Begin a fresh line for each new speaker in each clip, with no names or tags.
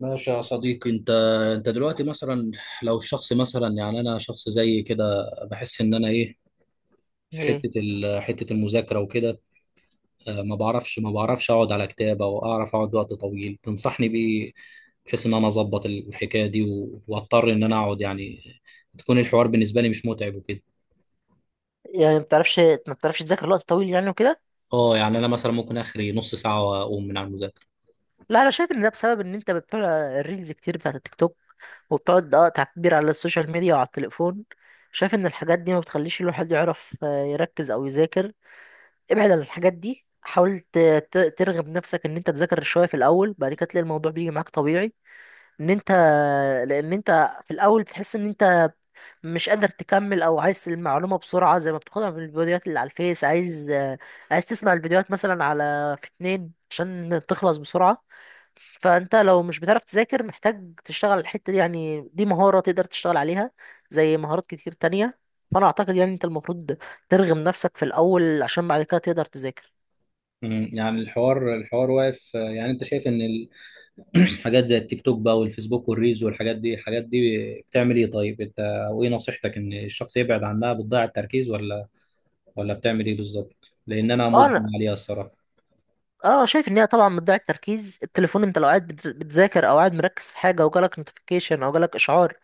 ماشي يا صديقي انت، دلوقتي مثلا، لو الشخص مثلا، يعني انا شخص زي كده، بحس ان انا ايه في
ايه؟
حته المذاكره وكده. ما بعرفش اقعد على كتاب، او اعرف اقعد وقت طويل، تنصحني بايه؟ بحيث ان انا اظبط الحكايه دي واضطر ان انا اقعد، يعني تكون الحوار بالنسبه لي مش متعب وكده.
يعني ما بتعرفش تذاكر وقت طويل يعني وكده.
اه يعني انا مثلا ممكن اخري نص ساعه واقوم من على المذاكره.
لا، انا شايف ان ده بسبب ان انت بتطلع الريلز كتير بتاعت التيك توك، وبتقعد تعبير على السوشيال ميديا وعلى التليفون. شايف ان الحاجات دي ما بتخليش الواحد يعرف يركز او يذاكر. ابعد عن الحاجات دي، حاول ترغب نفسك ان انت تذاكر شويه في الاول، بعد كده تلاقي الموضوع بيجي معاك طبيعي. ان انت لان انت في الاول بتحس ان انت مش قادر تكمل، او عايز المعلومه بسرعه زي ما بتاخدها من الفيديوهات اللي على الفيس. عايز تسمع الفيديوهات مثلا على في اتنين عشان تخلص بسرعه. فانت لو مش بتعرف تذاكر، محتاج تشتغل على الحته دي. يعني دي مهاره تقدر تشتغل عليها زي مهارات كتير تانية. فانا اعتقد يعني انت المفروض ترغم نفسك في الاول، عشان بعد كده تقدر تذاكر.
يعني الحوار واقف، يعني انت شايف ان حاجات زي التيك توك بقى والفيسبوك والريلز، والحاجات دي بتعمل ايه؟ طيب انت، وايه نصيحتك؟ ان الشخص يبعد عنها، بتضيع التركيز، ولا بتعمل ايه بالظبط؟ لان انا
اه
مدمن
انا،
عليها الصراحه.
اه شايف ان هي طبعا بتضيع التركيز. التليفون، انت لو قاعد بتذاكر او قاعد مركز في حاجه وجالك نوتيفيكيشن او جالك اشعار،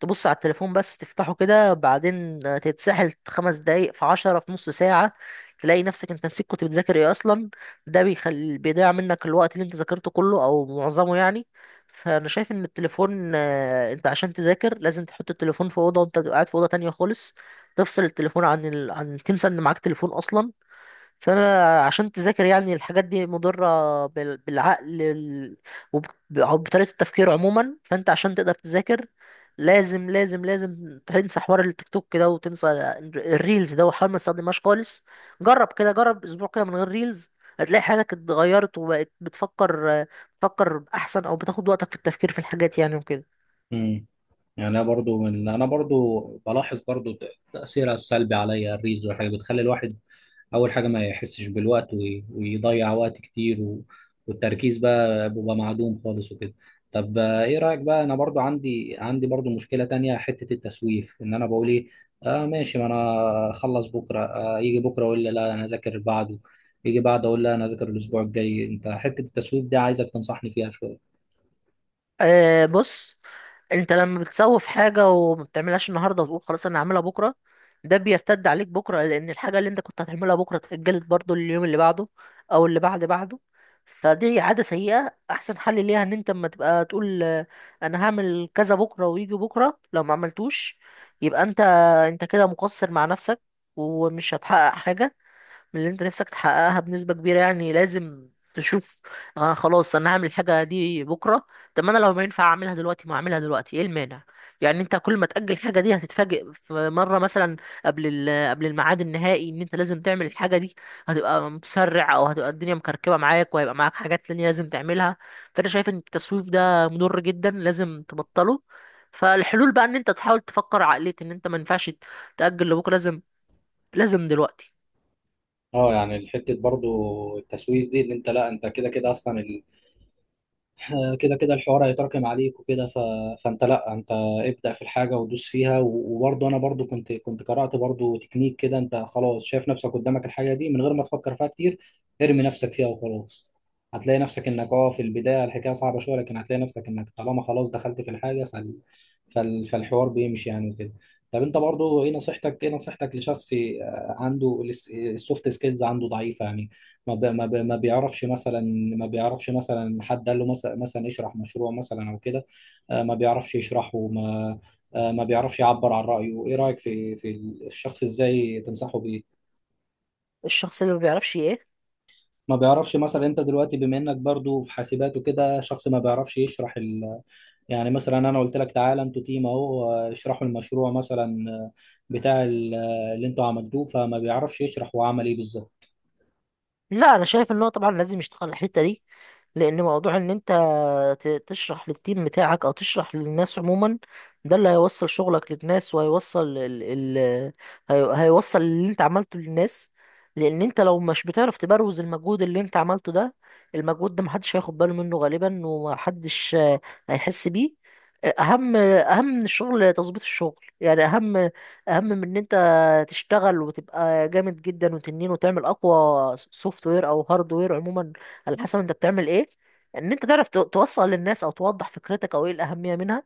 تبص على التليفون، بس تفتحه كده بعدين تتسحل خمس دقايق، في عشرة، في نص ساعة. تلاقي نفسك انت نسيت كنت بتذاكر ايه اصلا. ده بيضيع منك الوقت اللي انت ذاكرته كله او معظمه يعني. فانا شايف ان التليفون، انت عشان تذاكر لازم تحط التليفون في اوضه، وانت تبقى قاعد في اوضه تانية خالص. تفصل التليفون عن عن، تنسى ان معاك تليفون اصلا. فانا عشان تذاكر، يعني الحاجات دي مضره بالعقل، وب- او بطريقه التفكير عموما. فانت عشان تقدر تذاكر لازم لازم لازم تنسى حوار التيك توك كده، وتنسى الريلز ده، وحاول ما تستخدمهاش خالص. جرب كده، جرب اسبوع كده من غير ريلز، هتلاقي حياتك اتغيرت، وبقت بتفكر احسن، او بتاخد وقتك في التفكير في الحاجات يعني وكده.
امم يعني انا برضو بلاحظ برضو تاثيرها السلبي عليا، الريلز والحاجات بتخلي الواحد اول حاجه ما يحسش بالوقت، ويضيع وقت كتير، والتركيز بقى بيبقى معدوم خالص وكده. طب ايه رايك بقى؟ انا برضو عندي برضو مشكله تانية، حته التسويف، ان انا بقول ايه؟ اه ماشي، ما انا اخلص بكره، يجي بكره اقول لي لا انا اذاكر بعده، يجي بعد اقول لها انا اذاكر الاسبوع الجاي، انت حته التسويف دي عايزك تنصحني فيها شويه.
أه، بص، انت لما بتسوف حاجه وما بتعملهاش النهارده وتقول خلاص انا هعملها بكره، ده بيرتد عليك بكره، لان الحاجه اللي انت كنت هتعملها بكره اتاجلت برضو لليوم اللي بعده، او اللي بعد بعده. فدي عاده سيئه. احسن حل ليها ان انت، اما تبقى تقول انا هعمل كذا بكره، ويجي بكره لو ما عملتوش، يبقى انت كده مقصر مع نفسك، ومش هتحقق حاجه من اللي انت نفسك تحققها بنسبة كبيرة. يعني لازم تشوف، انا خلاص انا هعمل الحاجة دي بكرة، طب ما انا لو ما ينفع اعملها دلوقتي، ما اعملها دلوقتي، ايه المانع؟ يعني انت كل ما تأجل الحاجة دي، هتتفاجئ في مرة مثلا قبل قبل الميعاد النهائي ان انت لازم تعمل الحاجة دي، هتبقى متسرع، او هتبقى الدنيا مكركبة معاك، وهيبقى معاك حاجات تانية لازم تعملها. فانا شايف ان التسويف ده مضر جدا، لازم تبطله. فالحلول بقى، ان انت تحاول تفكر عقلية ان انت ما ينفعش تأجل لبكرة، لازم لازم دلوقتي.
اه يعني الحته برضو التسويف دي، ان انت لا، انت كده كده اصلا، كده كده الحوار هيتراكم عليك وكده، فانت لا، انت ابدأ في الحاجة ودوس فيها، وبرضه انا برضه كنت قرأت برضه تكنيك كده، انت خلاص شايف نفسك قدامك الحاجة دي من غير ما تفكر فيها كتير، ارمي نفسك فيها وخلاص. هتلاقي نفسك انك في البداية الحكاية صعبة شوية، لكن هتلاقي نفسك انك طالما خلاص دخلت في الحاجة فالحوار بيمشي يعني وكده. طب انت برضه، ايه نصيحتك لشخص عنده السوفت سكيلز، عنده ضعيفة يعني، ما بيعرفش مثلا، ما بيعرفش مثلا حد قال له مثلا اشرح مشروع مثلا او كده، ما بيعرفش يشرحه، ما بيعرفش يعبر عن رأيه، ايه رأيك في الشخص؟ ازاي تنصحه بيه؟
الشخص اللي ما بيعرفش ايه؟
ما بيعرفش مثلا، انت دلوقتي بما انك برضو في حاسبات وكده، شخص ما بيعرفش يشرح، يعني مثلا انا قلت لك تعالى انتوا تيم اهو، اشرحوا المشروع مثلا، بتاع اللي انتوا عملتوه، فما بيعرفش يشرح هو عمل ايه بالظبط.
لا، انا شايف ان هو طبعا لازم يشتغل على الحته دي، لان موضوع ان انت تشرح للتيم بتاعك او تشرح للناس عموما، ده اللي هيوصل شغلك للناس، وهيوصل ال... هيوصل اللي انت عملته للناس. لان انت لو مش بتعرف تبروز المجهود اللي انت عملته ده، المجهود ده محدش هياخد باله منه غالبا، ومحدش هيحس بيه. اهم، اهم من الشغل تظبيط الشغل. يعني اهم، اهم من ان انت تشتغل وتبقى جامد جدا وتنين، وتعمل اقوى سوفت وير او هارد وير عموما على حسب انت بتعمل ايه، ان انت تعرف توصل للناس، او توضح فكرتك، او ايه الاهميه منها.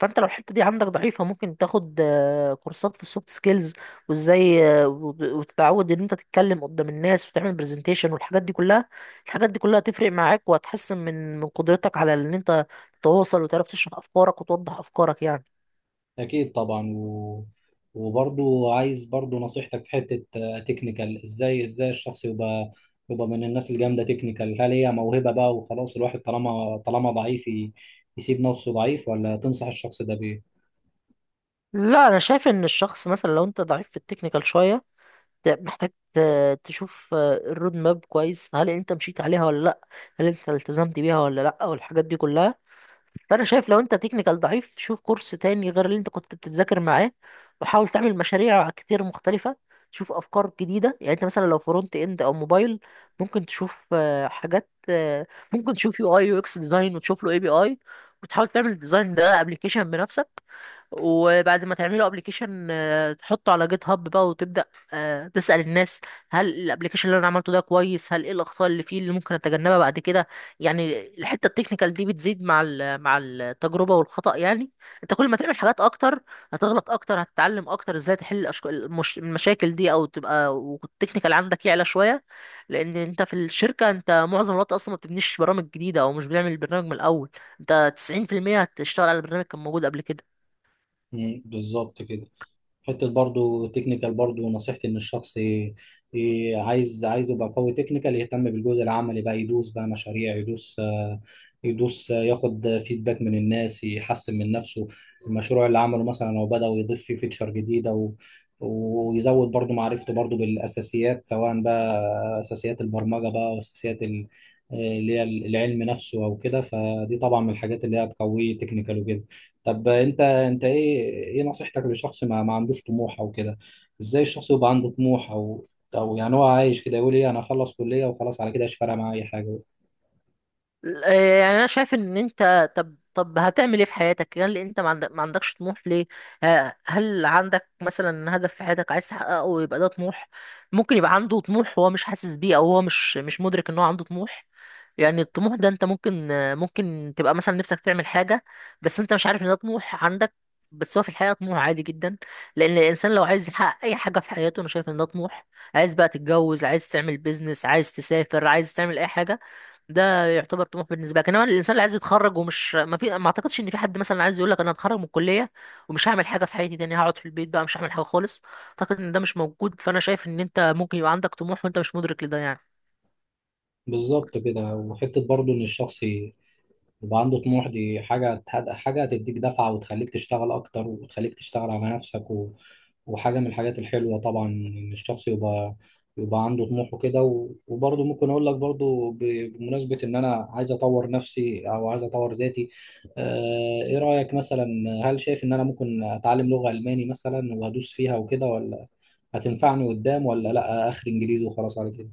فانت لو الحته دي عندك ضعيفه، ممكن تاخد كورسات في السوفت سكيلز، وازاي وتتعود ان انت تتكلم قدام الناس، وتعمل برزنتيشن، والحاجات دي كلها. الحاجات دي كلها هتفرق معاك، وهتحسن من قدرتك على ان انت تتواصل، وتعرف تشرح افكارك، وتوضح افكارك يعني.
أكيد طبعا، وبرضو عايز برضو نصيحتك في حتة تكنيكال، إزاي الشخص يبقى من الناس الجامدة تكنيكال؟ هل هي موهبة بقى وخلاص الواحد طالما ضعيف يسيب نفسه ضعيف؟ ولا تنصح الشخص ده بإيه؟
لا، انا شايف ان الشخص مثلا لو انت ضعيف في التكنيكال شويه، محتاج تشوف الرود ماب كويس. هل انت مشيت عليها ولا لا؟ هل انت التزمت بيها ولا لا؟ والحاجات دي كلها. فانا شايف لو انت تكنيكال ضعيف، شوف كورس تاني غير اللي انت كنت بتذاكر معاه، وحاول تعمل مشاريع كتير مختلفة، شوف افكار جديدة. يعني انت مثلا لو فرونت اند او موبايل، ممكن تشوف آه، حاجات آه، ممكن تشوف يو اي يو اكس ديزاين، وتشوف له اي بي اي، وتحاول تعمل الديزاين ده ابلكيشن بنفسك. وبعد ما تعملوا ابلكيشن، تحطه على جيت هاب بقى، وتبدا تسال الناس، هل الابلكيشن اللي انا عملته ده كويس؟ هل، ايه الاخطاء اللي فيه اللي ممكن اتجنبها بعد كده؟ يعني الحته التكنيكال دي بتزيد مع مع التجربه والخطا. يعني انت كل ما تعمل حاجات اكتر، هتغلط اكتر، هتتعلم اكتر ازاي تحل المشاكل دي، او تبقى والتكنيكال عندك يعلى شويه. لان انت في الشركه، انت معظم الوقت اصلا ما بتبنيش برامج جديده، او مش بنعمل البرنامج من الاول. انت 90% هتشتغل على برنامج كان موجود قبل كده.
بالظبط كده، حته برضو تكنيكال، برضو نصيحتي ان الشخص عايز يبقى قوي تكنيكال، يهتم بالجزء العملي بقى، يدوس بقى مشاريع، يدوس آه، يدوس آه، ياخد فيدباك من الناس، يحسن من نفسه. المشروع اللي عمله مثلا لو بدأ يضيف فيه فيتشر جديدة، ويزود برضو معرفته برضو بالأساسيات، سواء بقى أساسيات البرمجة بقى، وأساسيات اللي هي العلم نفسه أو كده، فدي طبعا من الحاجات اللي هي بتقويه تكنيكال وكده. طب انت، ايه نصيحتك لشخص ما عندوش طموح او كده؟ ازاي الشخص يبقى عنده طموح، او يعني هو عايش كده يقول ايه؟ انا اخلص كلية وخلاص، على كده مش فارقة معايا اي حاجة.
آه، يعني انا شايف ان انت، طب هتعمل ايه في حياتك؟ هل انت ما عندكش طموح ليه؟ هل عندك مثلا هدف في حياتك عايز تحققه، ويبقى ده طموح؟ ممكن يبقى عنده طموح، هو مش حاسس بيه، او هو مش مدرك ان هو عنده طموح. يعني الطموح ده انت ممكن تبقى مثلا نفسك تعمل حاجة، بس انت مش عارف ان ده طموح عندك، بس هو في الحقيقة طموح عادي جدا. لأن الإنسان لو عايز يحقق أي حاجة في حياته، أنا شايف إن ده طموح. عايز بقى تتجوز، عايز تعمل بيزنس، عايز تسافر، عايز تعمل أي حاجة، ده يعتبر طموح بالنسبه لك. انما الانسان اللي عايز يتخرج ومش، ما اعتقدش ان في حد مثلا عايز يقول لك انا هتخرج من الكليه، ومش هعمل حاجه في حياتي تاني، هقعد في البيت بقى مش هعمل حاجه خالص، اعتقد ان ده مش موجود. فانا شايف ان انت ممكن يبقى عندك طموح، وانت مش مدرك لده يعني.
بالظبط كده، وحتة برضو ان الشخص يبقى عنده طموح، دي حاجة هتديك دفعة وتخليك تشتغل أكتر، وتخليك تشتغل على نفسك، وحاجة من الحاجات الحلوة طبعا، إن الشخص يبقى عنده طموح وكده، وبرضه ممكن أقول لك برضه بمناسبة إن أنا عايز أطور نفسي أو عايز أطور ذاتي. إيه رأيك مثلا، هل شايف إن أنا ممكن أتعلم لغة ألماني مثلا وأدوس فيها وكده، ولا هتنفعني قدام، ولا لأ آخر إنجليزي وخلاص على كده؟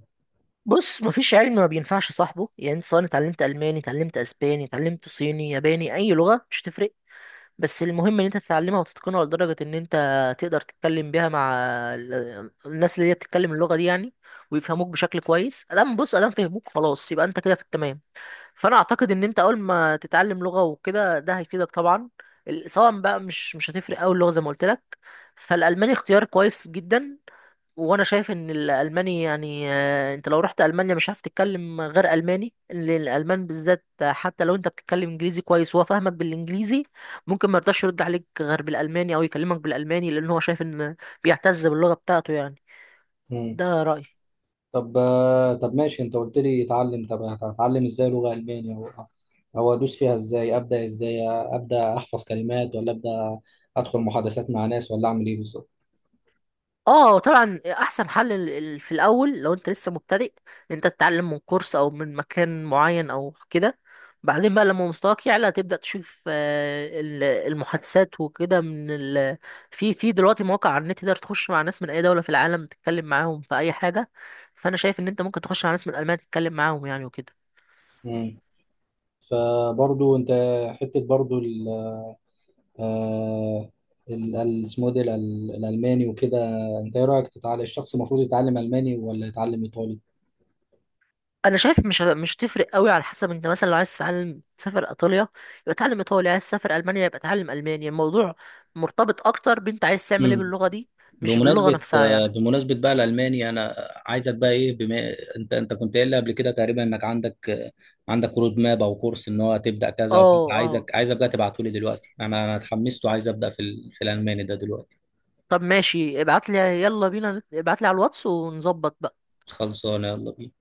بص، مفيش علم ما بينفعش صاحبه. يعني انت سواء اتعلمت الماني، اتعلمت اسباني، اتعلمت صيني، ياباني، اي لغه مش هتفرق، بس المهم ان انت تتعلمها، وتتقنها لدرجه ان انت تقدر تتكلم بيها مع الناس اللي هي بتتكلم اللغه دي يعني، ويفهموك بشكل كويس. ادام، بص، ادام فهموك، خلاص، يبقى انت كده في التمام. فانا اعتقد ان انت اول ما تتعلم لغه وكده، ده هيفيدك طبعا. سواء بقى، مش هتفرق قوي اللغه زي ما قلت لك. فالالماني اختيار كويس جدا، وانا شايف ان الالماني يعني، انت لو رحت المانيا مش هتعرف تتكلم غير الماني. الالمان بالذات، حتى لو انت بتتكلم انجليزي كويس، وهو فاهمك بالانجليزي، ممكن ما يرضاش يرد عليك غير بالالماني، او يكلمك بالالماني، لان هو شايف ان، بيعتز باللغه بتاعته يعني. ده رايي.
طب ماشي، انت قلت لي اتعلم، طب هتعلم ازاي لغة ألمانية، او أو ادوس فيها ازاي؟ ابدا ازاي؟ ابدا احفظ كلمات، ولا ابدا ادخل محادثات مع ناس، ولا اعمل ايه بالظبط؟
اه، طبعا احسن حل، في الاول لو انت لسه مبتدئ، ان انت تتعلم من كورس، او من مكان معين او كده. بعدين بقى لما مستواك يعلى، تبدا تشوف المحادثات وكده في دلوقتي مواقع على النت تقدر تخش مع ناس من اي دوله في العالم، تتكلم معاهم في اي حاجه. فانا شايف ان انت ممكن تخش مع ناس من المانيا، تتكلم معاهم يعني وكده.
مم. فبرضو انت، حتة برضو ال آه، ال- ال- اسمه ده الالماني وكده، انت ايه رايك؟ تتعلم، الشخص المفروض يتعلم الماني ولا يتعلم ايطالي؟
انا شايف مش تفرق قوي، على حسب انت مثلا لو عايز تتعلم، تسافر ايطاليا يبقى اتعلم ايطالي، عايز تسافر المانيا يبقى اتعلم المانيا. الموضوع مرتبط اكتر بانت عايز تعمل ايه باللغه دي، مش باللغه
بمناسبة
نفسها يعني.
آه، بمناسبة بقى الألماني، أنا عايزك بقى إيه، بما أنت كنت قايل لي قبل كده تقريبا إنك عندك رود ماب أو كورس، إن هو تبدأ كذا وكذا،
اه، اه.
عايزك بقى تبعته لي دلوقتي، أنا اتحمست وعايز أبدأ في الألماني ده دلوقتي.
طب ماشي، ابعت لي، يلا بينا، ابعت لي على الواتس ونظبط بقى.
خلصانة يلا بينا.